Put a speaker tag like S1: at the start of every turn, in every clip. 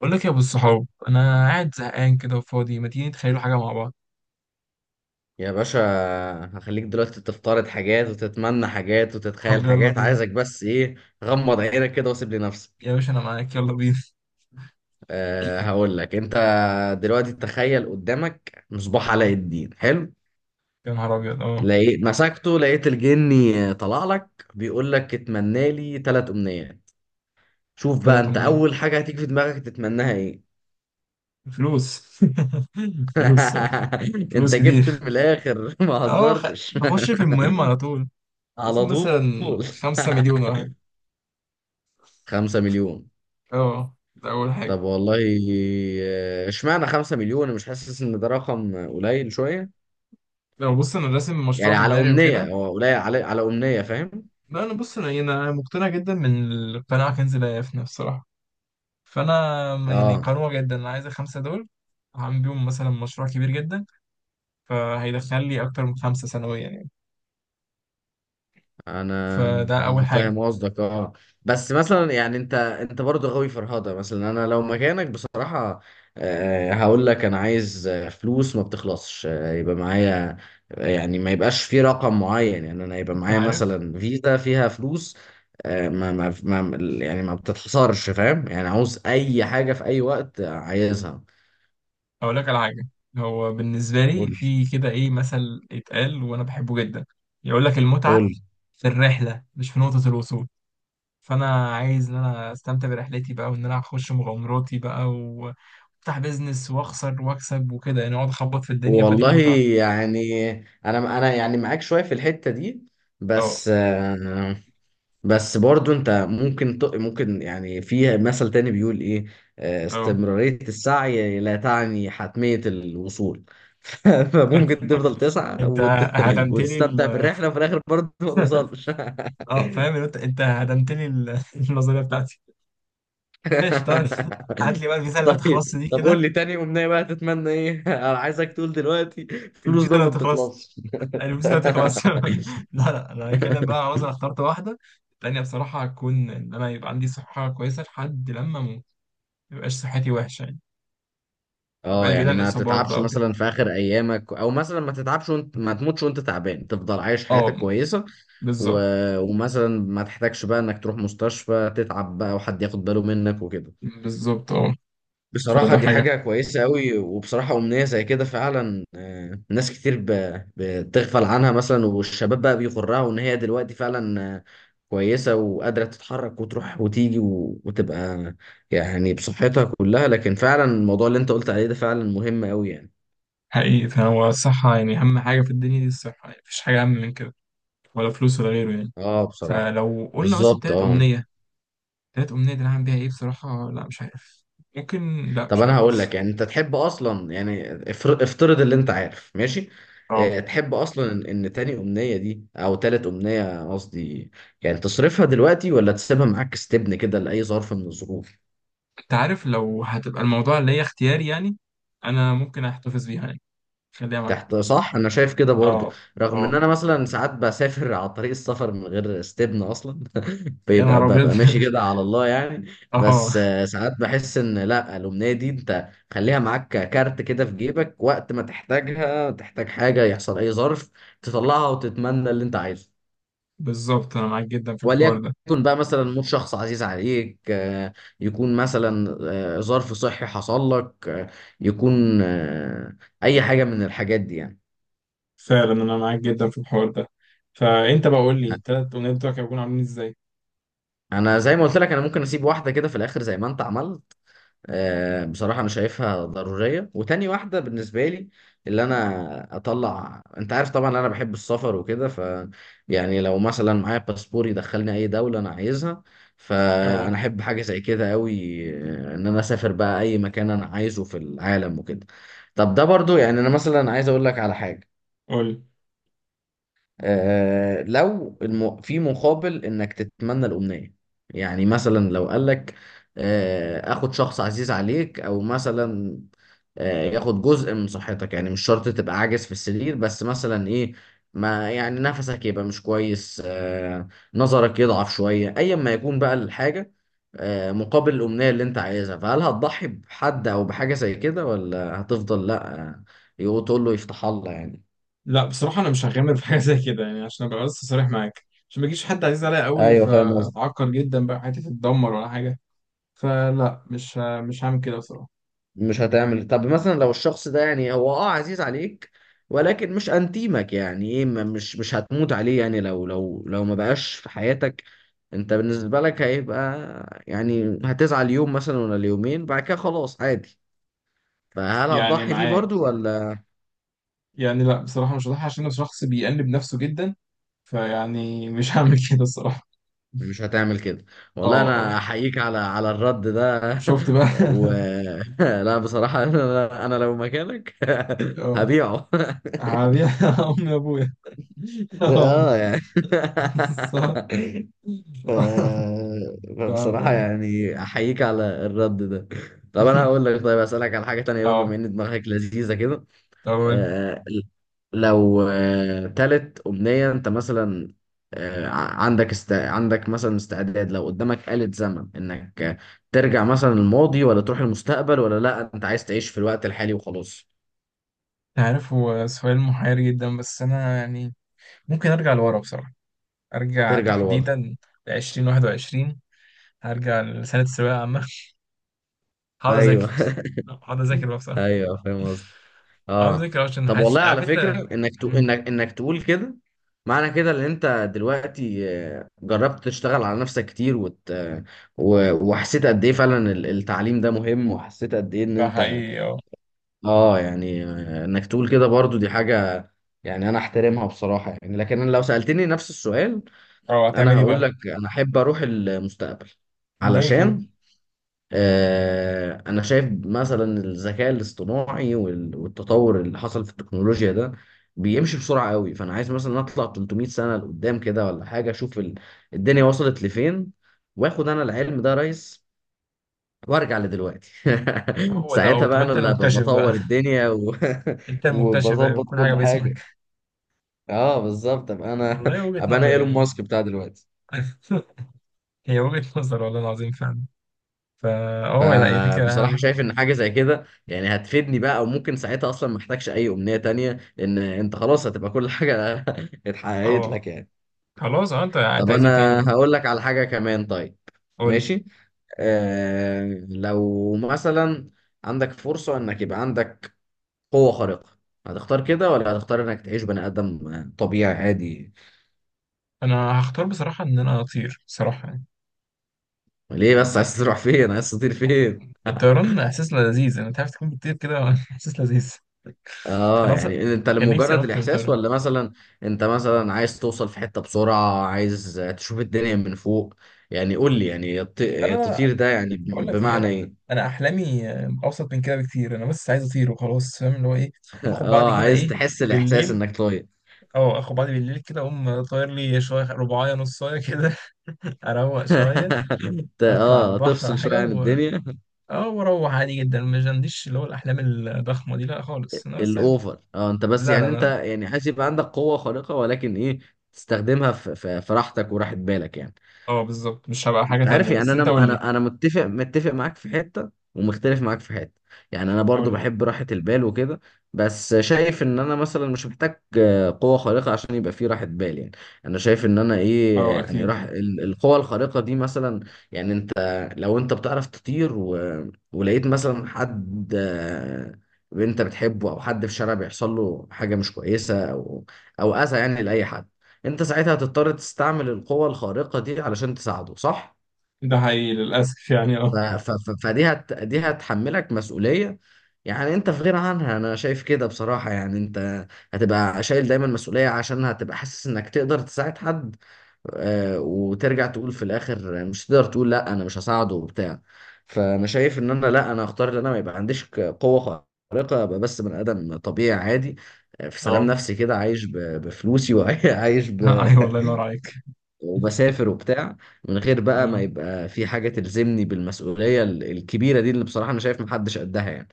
S1: بقول لك يا ابو الصحاب، انا قاعد زهقان كده وفاضي. ما تيجي نتخيلوا حاجه مع بعض؟
S2: يا باشا، هخليك دلوقتي تفترض حاجات وتتمنى حاجات وتتخيل
S1: طب يلا
S2: حاجات.
S1: بينا.
S2: عايزك بس ايه؟ غمض عينك كده وسيب لي نفسك.
S1: يا باشا انا معاك، يلا بينا.
S2: هقول لك انت دلوقتي تخيل قدامك مصباح
S1: آه،
S2: علاء الدين. حلو،
S1: يا نهار ابيض اه.
S2: لقيت مسكته، لقيت الجني طلع لك بيقول لك اتمنى لي ثلاث امنيات. شوف بقى
S1: طلعت
S2: انت
S1: منين؟
S2: اول حاجة هتيجي في دماغك تتمناها ايه؟
S1: فلوس. فلوس فلوس
S2: انت
S1: كتير.
S2: جبت من الاخر، ما
S1: اه
S2: هزرتش.
S1: نخش في المهم على طول. عايزين
S2: على طول.
S1: مثلا خمسة مليون ولا حاجه.
S2: 5 مليون.
S1: اه ده اول حاجه.
S2: طب والله. اشمعنى 5 مليون؟ أنا مش حاسس ان ده رقم قليل شوية.
S1: لو بص، انا راسم مشروع
S2: يعني
S1: في
S2: على
S1: دماغي
S2: أمنية،
S1: وكده.
S2: هو قليل على أمنية، فاهم؟
S1: لا انا بص، انا أنا مقتنع جدا من القناعه كنز لا يفنى بصراحه. فانا يعني
S2: اه،
S1: قنوع جدا، انا عايز الخمسه دول. هعمل بيهم مثلا مشروع كبير جدا، فهيدخل لي اكتر من خمسه سنويا يعني.
S2: انا
S1: فده اول حاجه.
S2: فاهم قصدك، اه. بس مثلا يعني انت برضه غاوي فرهضه. مثلا انا لو مكانك بصراحه، هقول لك انا عايز فلوس ما بتخلصش، يبقى معايا. يعني ما يبقاش في رقم معين. يعني انا يبقى
S1: انت
S2: معايا
S1: عارف،
S2: مثلا فيزا فيها فلوس. ما يعني ما بتتحصرش، فاهم؟ يعني عاوز اي حاجه في اي وقت عايزها.
S1: اقول لك على حاجه. هو بالنسبه
S2: قول
S1: لي
S2: لي،
S1: في كده ايه مثل اتقال وانا بحبه جدا، يقول لك
S2: قول
S1: المتعه
S2: لي.
S1: في الرحله مش في نقطه الوصول. فانا عايز ان انا استمتع برحلتي بقى، وان انا اخش مغامراتي بقى وافتح بيزنس واخسر واكسب وكده يعني، اقعد اخبط في الدنيا فدي
S2: والله
S1: المتعه.
S2: يعني انا يعني معاك شويه في الحته دي.
S1: اه
S2: بس آه، بس برضو انت ممكن ممكن، يعني في مثل تاني بيقول ايه؟
S1: اه.
S2: استمرارية السعي لا تعني حتمية الوصول. فممكن تفضل تسعى
S1: انت هدمت لي.
S2: وتستمتع بالرحلة وفي الآخر برضو ما توصلش.
S1: اه فاهم إن انت هدمت لي النظريه بتاعتي. ماشي طيب. هات لي بقى الفيزا اللي ما تخلصش
S2: طيب
S1: دي
S2: طب
S1: كده.
S2: قول لي تاني أمنية بقى تتمنى ايه؟ أنا عايزك تقول دلوقتي فلوس
S1: الفيزا
S2: بقى
S1: اللي
S2: ما
S1: ما تخلصش،
S2: بتخلصش.
S1: الفيزا اللي ما تخلصش. لا لا، انا هتكلم بقى، خلاص انا اخترت واحده. التانيه بصراحه هتكون ان انا يبقى عندي صحه كويسه لحد لما اموت. ما يبقاش صحتي وحشه يعني،
S2: اه،
S1: ابقى بعيد
S2: يعني
S1: عن
S2: ما
S1: الاصابات
S2: تتعبش
S1: بقى وكده.
S2: مثلا في اخر ايامك، او مثلا ما تتعبش وانت ما تموتش وانت تعبان، تفضل عايش حياتك
S1: اه
S2: كويسه. و...
S1: بالظبط.
S2: ومثلا ما تحتاجش بقى انك تروح مستشفى تتعب بقى، وحد ياخد باله منك وكده.
S1: بالظبط اه.
S2: بصراحة
S1: فده
S2: دي
S1: حاجه.
S2: حاجة كويسة قوي، وبصراحة أمنية زي كده فعلا، ناس كتير بتغفل عنها مثلا، والشباب بقى بيغرها وإن هي دلوقتي فعلا، كويسة وقادرة تتحرك وتروح وتيجي وتبقى يعني بصحتها كلها. لكن فعلا الموضوع اللي أنت قلت عليه ده فعلا مهم قوي يعني.
S1: حقيقي، فهو الصحه يعني اهم حاجه في الدنيا دي. الصحه يعني مفيش حاجه اهم من كده، ولا فلوس ولا غيره يعني.
S2: اه بصراحة.
S1: فلو قلنا مثلا
S2: بالظبط
S1: تالت
S2: اه.
S1: أمنية، تالت أمنية دي أنا هعمل بيها إيه بصراحة؟ لا مش عارف. ممكن. لا
S2: طب
S1: مش
S2: انا
S1: عارف برضه.
S2: هقول لك، يعني انت تحب اصلا، يعني افترض اللي انت عارف، ماشي؟
S1: اه.
S2: اه، تحب اصلا ان تاني امنية دي او تالت امنية قصدي، يعني تصرفها دلوقتي ولا تسيبها معاك استبن كده لأي ظرف من الظروف؟
S1: أنت عارف، لو هتبقى الموضوع اللي هي اختياري يعني، أنا ممكن أحتفظ بيها يعني. خليها معايا.
S2: تحت، صح، انا شايف كده برضو.
S1: اه
S2: رغم ان
S1: اه.
S2: انا مثلا ساعات بسافر على طريق السفر من غير استبنى اصلا.
S1: يا نهار أبيض.
S2: ببقى ماشي كده على الله يعني. بس
S1: اه
S2: ساعات بحس ان لا، الامنيه دي انت خليها معاك كارت كده في جيبك، وقت ما تحتاجها، تحتاج حاجه، يحصل اي ظرف، تطلعها وتتمنى اللي انت عايزه.
S1: بالظبط، أنا معاك جدا في الحوار
S2: وليكن
S1: ده.
S2: بقى مثلا موت شخص عزيز عليك، يكون مثلا ظرف صحي حصل لك، يكون اي حاجه من الحاجات دي يعني.
S1: فعلا أنا معاك جدا في الحوار ده. فأنت بقى قول لي، التلات أمنيات بتوعك هيكونوا عاملين إزاي؟
S2: انا زي ما قلت لك، انا ممكن اسيب واحده كده في الاخر زي ما انت عملت. بصراحه انا شايفها ضروريه. وتاني واحده بالنسبه لي، اللي انا اطلع، انت عارف طبعا انا بحب السفر وكده، ف يعني لو مثلا معايا باسبور يدخلني اي دوله انا عايزها، فانا
S1: اه
S2: احب حاجه زي كده قوي. ان انا اسافر بقى اي مكان انا عايزه في العالم وكده. طب ده برضو. يعني انا مثلا عايز اقول لك على حاجه.
S1: قول.
S2: لو في مقابل انك تتمنى الامنيه، يعني مثلا لو قال لك: اخد شخص عزيز عليك، او مثلا ياخد جزء من صحتك. يعني مش شرط تبقى عاجز في السرير، بس مثلا ايه، ما يعني نفسك يبقى مش كويس، نظرك يضعف شويه، ايا ما يكون بقى الحاجه. مقابل الامنيه اللي انت عايزها، فهل هتضحي بحد او بحاجه زي كده، ولا هتفضل لا، تقول له يفتح الله يعني؟
S1: لا بصراحة أنا مش هغامر في حاجة زي كده يعني، عشان أبقى بس صريح معاك، عشان ما يجيش حد عزيز عليا قوي
S2: ايوه فاهم قصدي.
S1: فأتعكر جدا، بقى حياتي تتدمر ولا حاجة. فلا مش هعمل كده بصراحة.
S2: مش هتعمل. طب مثلا لو الشخص ده يعني هو عزيز عليك، ولكن مش انتيمك يعني ايه، مش هتموت عليه، يعني لو ما بقاش في حياتك، انت بالنسبة لك هيبقى، يعني هتزعل يوم مثلا ولا اليومين، بعد كده خلاص عادي. فهل
S1: يعني
S2: هتضحي بيه
S1: معاك
S2: برضو ولا؟
S1: يعني. لا بصراحة، مش هضحي عشان انا شخص بيأنب نفسه جدا. فيعني مش هعمل كده الصراحة.
S2: مش هتعمل كده؟
S1: اه
S2: والله انا
S1: اه.
S2: احييك على الرد ده.
S1: شفت بقى.
S2: و لا بصراحة انا لو مكانك
S1: اه
S2: هبيعه.
S1: هبيع امي وابويا. اه
S2: اه يعني.
S1: صح.
S2: ف... فبصراحة
S1: فهمتك.
S2: يعني أحييك على الرد ده. طب أنا هقول لك، طيب، أسألك على حاجة تانية بقى، بما
S1: اه.
S2: إن دماغك لذيذة كده.
S1: طب قول.
S2: آه لو تالت أمنية أنت مثلا، عندك عندك مثلا استعداد، لو قدامك آلة زمن إنك ترجع مثلا الماضي، ولا تروح المستقبل، ولا لأ أنت عايز تعيش في الوقت الحالي وخلاص؟
S1: عارف، هو سؤال محير جدا، بس انا يعني ممكن ارجع لورا بصراحة. ارجع
S2: ترجع لورا،
S1: تحديدا ل 2021، هرجع لسنة الثانوية العامة. هقعد اذاكر،
S2: أيوه.
S1: هقعد اذاكر بقى بصراحه.
S2: أيوه فاهم قصدي،
S1: هقعد
S2: اه.
S1: اذاكر عشان
S2: طب
S1: حاسس،
S2: والله،
S1: عارف
S2: على
S1: انت.
S2: فكرة انك
S1: مم.
S2: انك تقول كده، معنى كده ان انت دلوقتي جربت تشتغل على نفسك كتير وحسيت قد ايه فعلا التعليم ده مهم، وحسيت قد ايه ان
S1: ده
S2: انت
S1: حقيقي اه.
S2: اه. يعني انك تقول كده برضو دي حاجة، يعني انا احترمها بصراحة. يعني لكن انا لو سألتني نفس السؤال،
S1: اه
S2: انا
S1: هتعمل ايه
S2: هقول
S1: بقى؟
S2: لك انا احب اروح المستقبل.
S1: ليه كده؟
S2: علشان أنا شايف مثلا الذكاء الاصطناعي والتطور اللي حصل في التكنولوجيا ده بيمشي بسرعة قوي، فأنا عايز مثلا أطلع 300 سنة لقدام كده ولا حاجة، أشوف الدنيا وصلت لفين، وآخد أنا العلم ده يا ريس، وأرجع لدلوقتي.
S1: هو ده هو.
S2: ساعتها
S1: طب
S2: بقى أنا
S1: انت
S2: اللي هبقى
S1: المكتشف بقى.
S2: بطور الدنيا
S1: انت المكتشف بقى،
S2: وبظبط
S1: كل
S2: كل
S1: حاجه
S2: حاجة.
S1: باسمك.
S2: أه بالظبط، أبقى أنا
S1: والله وجهه
S2: أبقى أنا
S1: نظر
S2: إيلون
S1: يعني.
S2: ماسك بتاع دلوقتي.
S1: هي وجهه نظر والله العظيم فعلا. فا اه لا، هي فكره حلوه
S2: فبصراحة
S1: جدا.
S2: شايف ان حاجة زي كده يعني هتفيدني بقى، او ممكن ساعتها اصلا ما احتاجش اي امنية تانية، لان انت خلاص هتبقى كل حاجة اتحققت
S1: اه
S2: لك يعني.
S1: خلاص. اه، انت
S2: طب
S1: عايز ايه تاني
S2: انا
S1: يعني؟
S2: هقول لك على حاجة كمان، طيب،
S1: قول لي.
S2: ماشي. لو مثلا عندك فرصة انك يبقى عندك قوة خارقة، هتختار كده ولا هتختار انك تعيش بني ادم طبيعي عادي؟
S1: انا هختار بصراحه ان انا اطير بصراحه يعني.
S2: ليه بس؟ عايز تروح فين؟ عايز تطير فين؟
S1: الطيران احساس لذيذ. انا تعرف تكون بتطير كده احساس لذيذ.
S2: اه
S1: انا اصلا
S2: يعني انت
S1: كان نفسي
S2: لمجرد
S1: انط من
S2: الاحساس،
S1: طيران.
S2: ولا مثلا انت مثلا عايز توصل في حتة بسرعة، عايز تشوف الدنيا من فوق؟ يعني قول لي، يعني
S1: انا
S2: التطير ده يعني
S1: بقول لك ايه،
S2: بمعنى
S1: انا
S2: ايه؟
S1: انا احلامي اوسط من كده بكتير. انا بس عايز اطير وخلاص، فاهم اللي هو ايه. اخد بعضي
S2: اه،
S1: كده
S2: عايز
S1: ايه،
S2: تحس الاحساس
S1: بالليل.
S2: انك طاير.
S1: اه اخد بعضي بالليل كده، اقوم طاير لي شويه رباعيه نصايه كده. اروق شويه، اطلع على
S2: اه،
S1: البحر ولا
S2: تفصل
S1: حاجه
S2: شوية عن الدنيا.
S1: اه واروح عادي جدا. مش عنديش اللي هو الاحلام الضخمه دي، لا خالص. انا بس عايز.
S2: الاوفر. اه انت بس،
S1: لا لا
S2: يعني انت
S1: لا.
S2: يعني عايز يبقى عندك قوة خارقة، ولكن ايه، تستخدمها في راحتك وراحة بالك يعني.
S1: اه بالظبط، مش هبقى حاجه
S2: انت عارف
S1: تانية.
S2: يعني
S1: بس
S2: انا
S1: انت قول لي.
S2: انا انا متفق معاك في حته، ومختلف معاك في حته. يعني انا
S1: قول
S2: برضو
S1: لي.
S2: بحب راحه البال وكده. بس شايف ان انا مثلا مش محتاج قوه خارقه عشان يبقى في راحه بال يعني. انا شايف ان انا ايه،
S1: اه
S2: يعني
S1: اكيد.
S2: راح القوه الخارقه دي مثلا، يعني انت، لو انت بتعرف تطير ولقيت مثلا حد انت بتحبه، او حد في الشارع بيحصل له حاجه مش كويسه او اذى يعني لاي حد، انت ساعتها هتضطر تستعمل القوة الخارقة دي علشان تساعده، صح؟
S1: ده حقيقي للاسف يعني
S2: ف-
S1: اه.
S2: ف- ف- فدي هت دي هتحملك مسؤولية. يعني انت في غنى عنها، انا شايف كده بصراحة، يعني انت هتبقى شايل دايما مسؤولية، عشان هتبقى حاسس انك تقدر تساعد حد، وترجع تقول في الاخر مش تقدر، تقول لا انا مش هساعده وبتاع. فانا شايف ان انا لا، انا اختار ان انا ما يبقى عنديش قوة خارقة، ابقى بس بني ادم طبيعي عادي، في سلام
S1: اه.
S2: نفسي كده، عايش بفلوسي وعايش
S1: ايوه الله ينور عليك.
S2: وبسافر وبتاع، من غير بقى ما
S1: اه
S2: يبقى في حاجة تلزمني بالمسؤولية الكبيرة دي، اللي بصراحة أنا شايف محدش قدها يعني.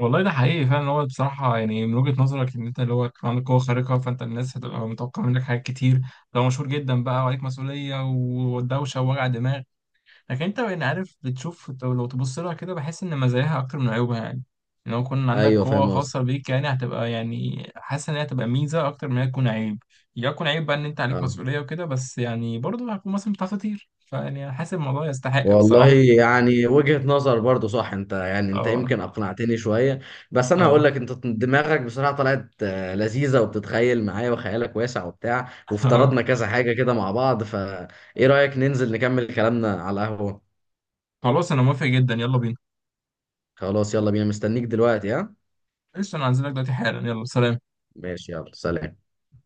S1: والله ده حقيقي فعلا. هو بصراحة يعني من وجهة نظرك إن أنت اللي هو يكون عندك قوة خارقة، فأنت الناس هتبقى متوقعة منك حاجات كتير. لو مشهور جدا بقى، وعليك مسؤولية ودوشة ووجع دماغ. لكن انت يعني عارف، بتشوف لو تبص لها كده بحس ان مزاياها اكتر من عيوبها يعني. ان لو كان عندك
S2: أيوه
S1: قوة
S2: فاهم قصدي.
S1: خاصة بيك، يعني هتبقى يعني حاسس ان هي هتبقى ميزة اكتر من هي تكون عيب. يكون عيب بقى ان انت عليك
S2: أه
S1: مسؤولية وكده، بس يعني برضه هتكون مثلا بتعرف تطير، فيعني أنا حاسس الموضوع يستحق
S2: والله
S1: بصراحة.
S2: يعني وجهة نظر برضو صح. أنت يعني أنت
S1: اه
S2: يمكن أقنعتني شوية. بس أنا
S1: اه.
S2: هقول لك، أنت دماغك بصراحة طلعت لذيذة، وبتتخيل معايا وخيالك واسع وبتاع،
S1: اه
S2: وافترضنا كذا حاجة كده مع بعض. فإيه رأيك ننزل نكمل كلامنا على القهوة؟
S1: خلاص انا موافق جدا، يلا بينا.
S2: خلاص، يلا بينا، مستنيك دلوقتي، ها.
S1: قشطة، انا هنزلك دلوقتي حالا، يلا سلام.
S2: ماشي، يلا سلام.